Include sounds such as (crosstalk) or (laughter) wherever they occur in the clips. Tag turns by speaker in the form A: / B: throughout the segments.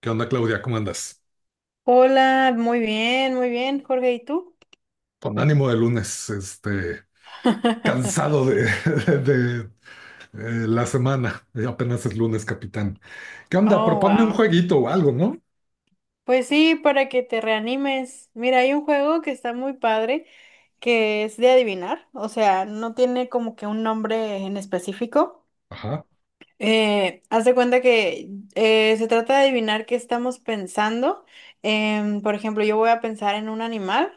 A: ¿Qué onda, Claudia? ¿Cómo andas?
B: Hola, muy bien, Jorge, ¿y tú?
A: Con ánimo de lunes, cansado
B: (laughs)
A: (laughs) de, la semana. Apenas es lunes, capitán. ¿Qué onda?
B: Oh,
A: Proponme un
B: wow.
A: jueguito o algo, ¿no?
B: Pues sí, para que te reanimes. Mira, hay un juego que está muy padre, que es de adivinar, o sea, no tiene como que un nombre en específico.
A: Ajá.
B: Haz de cuenta que se trata de adivinar qué estamos pensando. Por ejemplo, yo voy a pensar en un animal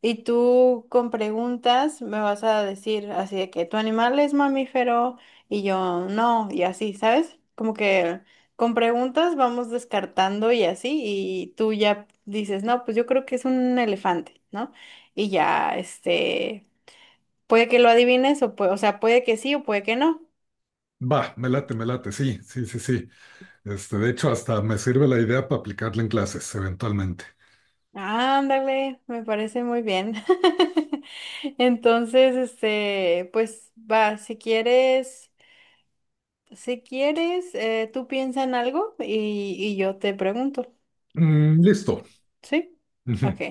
B: y tú con preguntas me vas a decir así de que tu animal es mamífero y yo no, y así, ¿sabes? Como que con preguntas vamos descartando y así, y tú ya dices, no, pues yo creo que es un elefante, ¿no? Y ya, este, puede que lo adivines o sea, puede que sí o puede que no.
A: Va, me late, me late. Sí, sí, sí, sí. Este, de hecho, hasta me sirve la idea para aplicarla en clases, eventualmente.
B: Ándale, me parece muy bien. (laughs) Entonces, este, pues va, si quieres, tú piensa en algo y yo te pregunto,
A: Mm, listo.
B: ¿sí? Ok.
A: Ujú.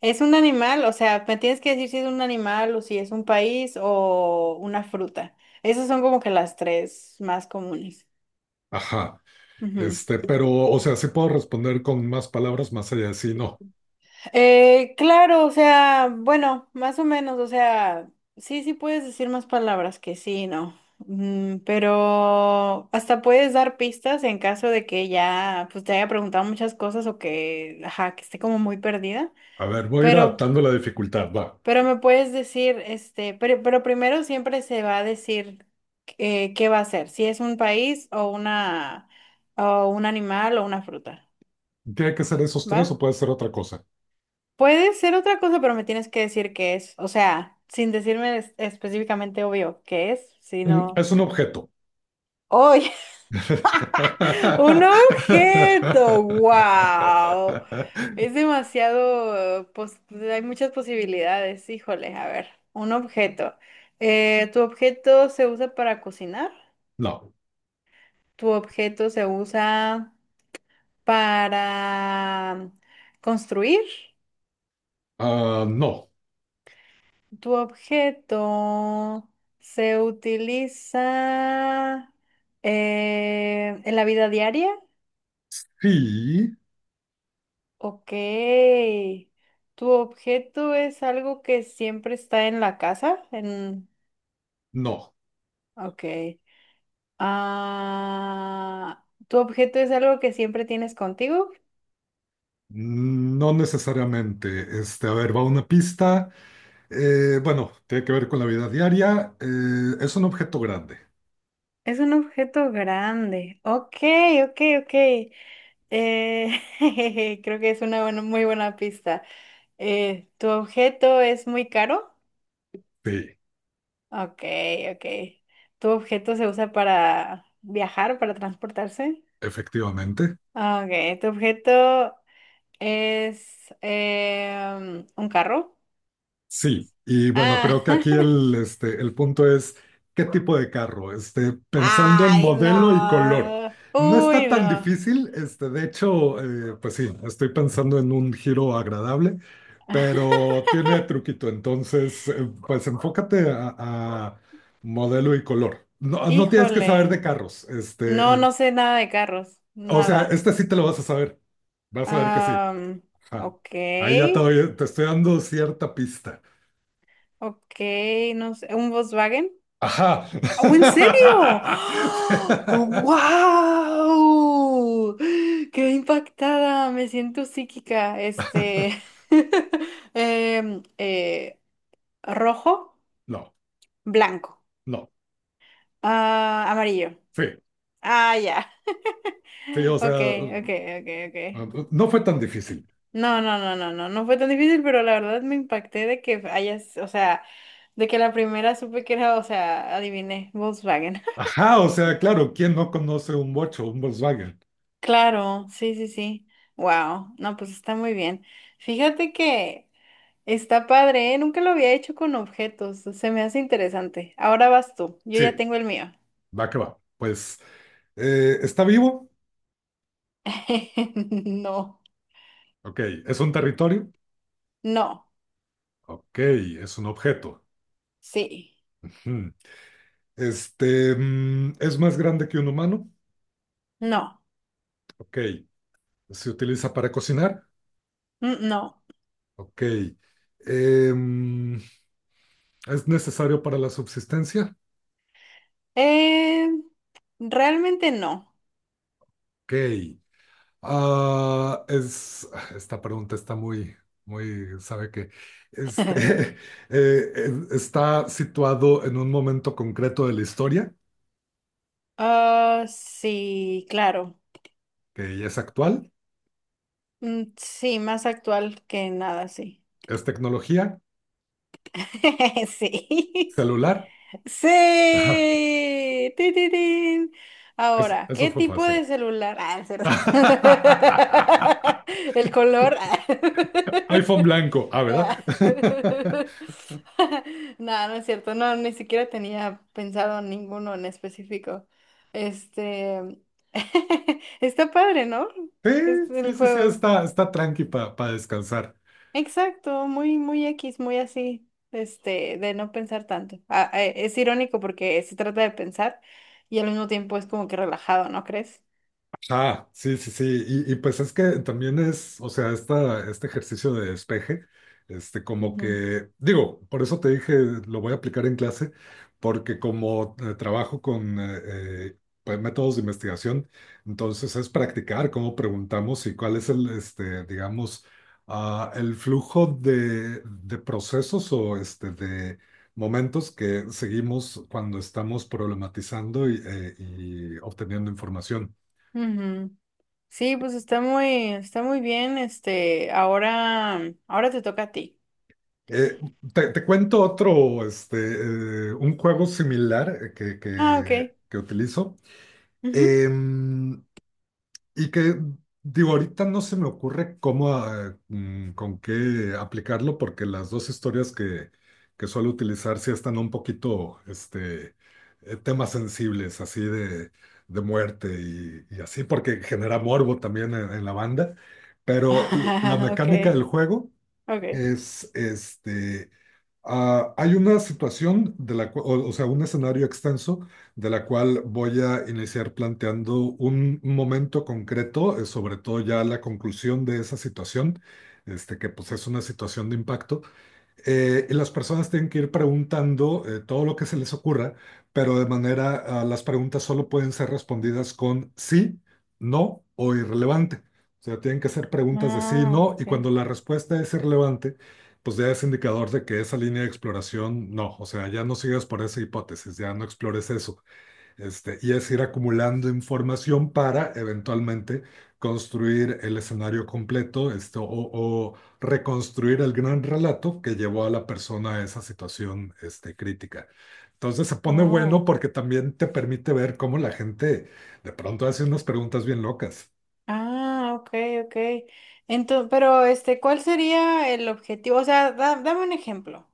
B: ¿Es un animal? O sea, me tienes que decir si es un animal o si es un país o una fruta. Esas son como que las tres más comunes.
A: Ajá. Este, pero, o sea, sí puedo responder con más palabras más allá de sí, no.
B: Claro, o sea, bueno, más o menos, o sea, sí, sí puedes decir más palabras que sí, no. Pero hasta puedes dar pistas en caso de que ya, pues te haya preguntado muchas cosas o que, ajá, que esté como muy perdida,
A: A ver, voy a ir
B: pero,
A: adaptando la dificultad, va.
B: pero me puedes decir, este, pero primero siempre se va a decir qué va a ser, si es un país o una, o un animal o una fruta,
A: ¿Tiene que ser esos tres o
B: ¿va?
A: puede ser otra cosa?
B: Puede ser otra cosa, pero me tienes que decir qué es. O sea, sin decirme específicamente obvio qué es,
A: Mm,
B: sino.
A: es un objeto.
B: ¡Oye! (laughs) ¡Un objeto!
A: (laughs)
B: ¡Wow! Es demasiado. Hay muchas posibilidades. Híjole, a ver. Un objeto. ¿Tu objeto se usa para cocinar?
A: No.
B: ¿Tu objeto se usa para construir?
A: Ah, no,
B: Tu objeto se utiliza en la vida diaria.
A: sí,
B: Ok. Tu objeto es algo que siempre está en la casa.
A: no,
B: Ok. Ah, tu objeto es algo que siempre tienes contigo.
A: no necesariamente. Este, a ver, va una pista. Bueno, tiene que ver con la vida diaria. Es un objeto grande.
B: Es un objeto grande. Ok, ok, ok. Eh, (laughs) Creo que es una muy buena pista. ¿Tu objeto es muy caro?
A: Sí,
B: Ok, ok. ¿Tu objeto se usa para viajar, para transportarse?
A: efectivamente.
B: Ok, ¿tu objeto es un carro?
A: Sí, y bueno,
B: Ah.
A: creo que aquí
B: (laughs)
A: el, este, el punto es qué tipo de carro, este, pensando en
B: Ay, no.
A: modelo y color. No
B: Uy,
A: está tan
B: no.
A: difícil, este, de hecho, pues sí, estoy pensando en un giro agradable, pero tiene truquito, entonces, pues enfócate a modelo y color. No, no tienes que saber de
B: Híjole.
A: carros,
B: No, no sé nada de carros.
A: o sea,
B: Nada.
A: este sí te lo vas a saber, vas a ver que sí.
B: Am,
A: Ajá.
B: ok.
A: Ahí ya te estoy dando cierta pista.
B: Ok, no sé. ¿Un Volkswagen?
A: Ajá.
B: ¡Oh, en serio!
A: (laughs)
B: ¡Wow! ¡Qué impactada! Me siento psíquica. Este. (laughs) em, eh, rojo,
A: No,
B: blanco,
A: no,
B: ah, amarillo.
A: sí,
B: Ah, ya. (laughs)
A: sí, o
B: Ok,
A: sea,
B: ok, ok, ok.
A: no fue tan difícil.
B: No, no, no, no, no. No fue tan difícil, pero la verdad me impacté de que hayas, o sea, de que la primera supe que era, o sea, adiviné, Volkswagen.
A: Ajá, o sea, claro, ¿quién no conoce un bocho, un Volkswagen?
B: Claro, sí, sí, sí. Wow, no, pues está muy bien. Fíjate que está padre, ¿eh? Nunca lo había hecho con objetos, se me hace interesante. Ahora vas tú, yo
A: Sí,
B: ya tengo el mío.
A: va que va. Pues, ¿está vivo?
B: (laughs) No,
A: Ok, ¿es un territorio?
B: no,
A: Ok, es un objeto.
B: sí,
A: Ujú. Este, mm, ¿es más grande que un humano?
B: no,
A: Ok, ¿se utiliza para cocinar?
B: mm, no.
A: Ok, em, ¿es necesario para la subsistencia?
B: Eh, realmente no.
A: Ok. Ah, es, (laughs) esta pregunta está muy, muy, sabe que este, (laughs)
B: (laughs)
A: está situado en un momento concreto de la historia,
B: Ah, sí, claro.
A: que ya es actual,
B: Mm, sí, más actual que nada, sí.
A: es tecnología,
B: (laughs) Sí.
A: celular. (laughs)
B: Sí. Tin, tin, tin. Ahora,
A: Eso
B: ¿qué
A: fue
B: tipo
A: fácil.
B: de celular? Ah, es cierto. (laughs) El
A: (laughs)
B: color.
A: iPhone blanco, ah,
B: Ah.
A: ¿verdad? (laughs)
B: (laughs) No, no es cierto. No, ni siquiera tenía pensado ninguno en específico. Este. (laughs) Está padre, ¿no?
A: Sí,
B: Es el
A: sí, sí, sí,
B: juego.
A: está, está tranqui para descansar.
B: Exacto, muy, muy X, muy así, este, de no pensar tanto. Ah, es irónico porque se trata de pensar y al mismo tiempo es como que relajado, ¿no crees?
A: Ah, sí, sí, sí. Y pues es que también es, o sea, esta, este ejercicio de despeje, este, como
B: Ujú,
A: que, digo, por eso te dije, lo voy a aplicar en clase, porque como trabajo con eh, pues, métodos de investigación, entonces es practicar cómo preguntamos y cuál es el, este, digamos, ah, el flujo de procesos o este, de momentos que seguimos cuando estamos problematizando y obteniendo información.
B: ujú. Sí, pues está muy, bien, este, ahora te toca a ti.
A: Eh, te cuento otro, este, un juego similar que,
B: Ah,
A: que,
B: ok.
A: que utilizo.
B: Ujú.
A: Em, y que, digo, ahorita no se me ocurre cómo, ah, mm, con qué aplicarlo porque las dos historias que suelo utilizar sí están un poquito, este, temas sensibles, así de muerte y así, porque genera morbo también en la banda, pero la
B: (laughs)
A: mecánica
B: Ok,
A: del juego
B: ok.
A: es este. Ah, hay una situación de la cual, o sea, un escenario extenso de la cual voy a iniciar planteando un momento concreto, sobre todo ya la conclusión de esa situación, este, que pues es una situación de impacto y las personas tienen que ir preguntando todo lo que se les ocurra, pero de manera, ah, las preguntas solo pueden ser respondidas con sí, no o irrelevante. O sea, tienen que ser preguntas de sí,
B: Ah,
A: no, y
B: ok.
A: cuando la respuesta es irrelevante, pues ya es indicador de que esa línea de exploración no, o sea, ya no sigas por esa hipótesis, ya no explores eso. Este, y es ir acumulando información para eventualmente construir el escenario completo, esto, o reconstruir el gran relato que llevó a la persona a esa situación, este, crítica. Entonces se pone
B: Oh.
A: bueno porque también te permite ver cómo la gente de pronto hace unas preguntas bien locas.
B: Ah, ok, ok. Entonces, pero este, ¿cuál sería el objetivo? O sea, dame un ejemplo.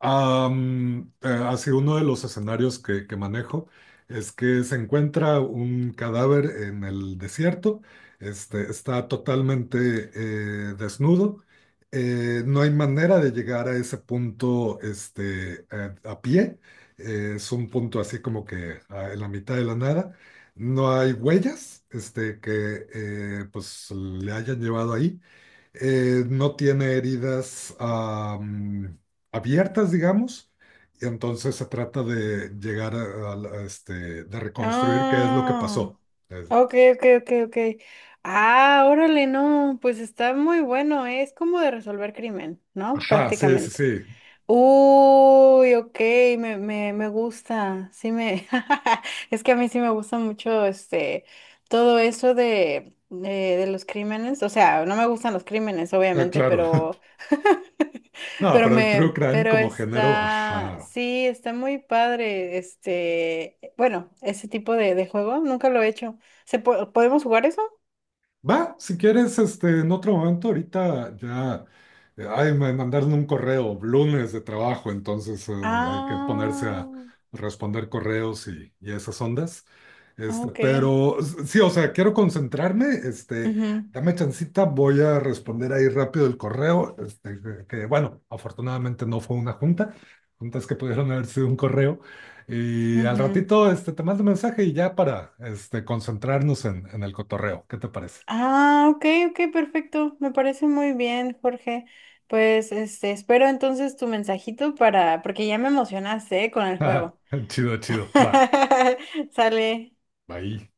A: Am, así uno de los escenarios que manejo es que se encuentra un cadáver en el desierto, este, está totalmente desnudo, no hay manera de llegar a ese punto este, a pie, es un punto así como que ah, en la mitad de la nada, no hay huellas este, que pues le hayan llevado ahí no tiene heridas am, abiertas, digamos, y entonces se trata de llegar a, a este, de reconstruir qué es lo que
B: Ah,
A: pasó. Es-
B: ok, ok, ok, ok. Ah, órale, no, pues está muy bueno, ¿eh? Es como de resolver crimen, ¿no?
A: ajá, sí, sí,
B: Prácticamente.
A: sí.
B: Uy, ok, me gusta, sí me, (laughs) es que a mí sí me gusta mucho este, todo eso de los crímenes, o sea, no me gustan los crímenes,
A: Ah,
B: obviamente,
A: claro.
B: pero,
A: (laughs)
B: (laughs)
A: No, pero el true crime
B: pero
A: como género,
B: está,
A: ajá.
B: sí, está muy padre, este, bueno, ese tipo de juego, nunca lo he hecho. ¿Podemos jugar eso?
A: Va, si quieres, este, en otro momento, ahorita ya, ay, me mandaron un correo, lunes de trabajo, entonces hay que ponerse a
B: Ah,
A: responder correos y esas ondas. Este,
B: ok,
A: pero sí, o sea, quiero concentrarme, este,
B: mhm,
A: dame chancita, voy a responder ahí rápido el correo, este, bueno, afortunadamente no fue una junta, juntas que pudieron haber sido un correo, y al ratito, este, te mando un mensaje y ya para, este, concentrarnos en el cotorreo, ¿qué te parece?
B: ah, ok, ok, perfecto. Me parece muy bien, Jorge. Pues este, espero entonces tu mensajito para, porque ya me emocionaste, ¿eh? Con el
A: (laughs)
B: juego.
A: Chido, chido. Va,
B: (laughs) Sale.
A: ahí.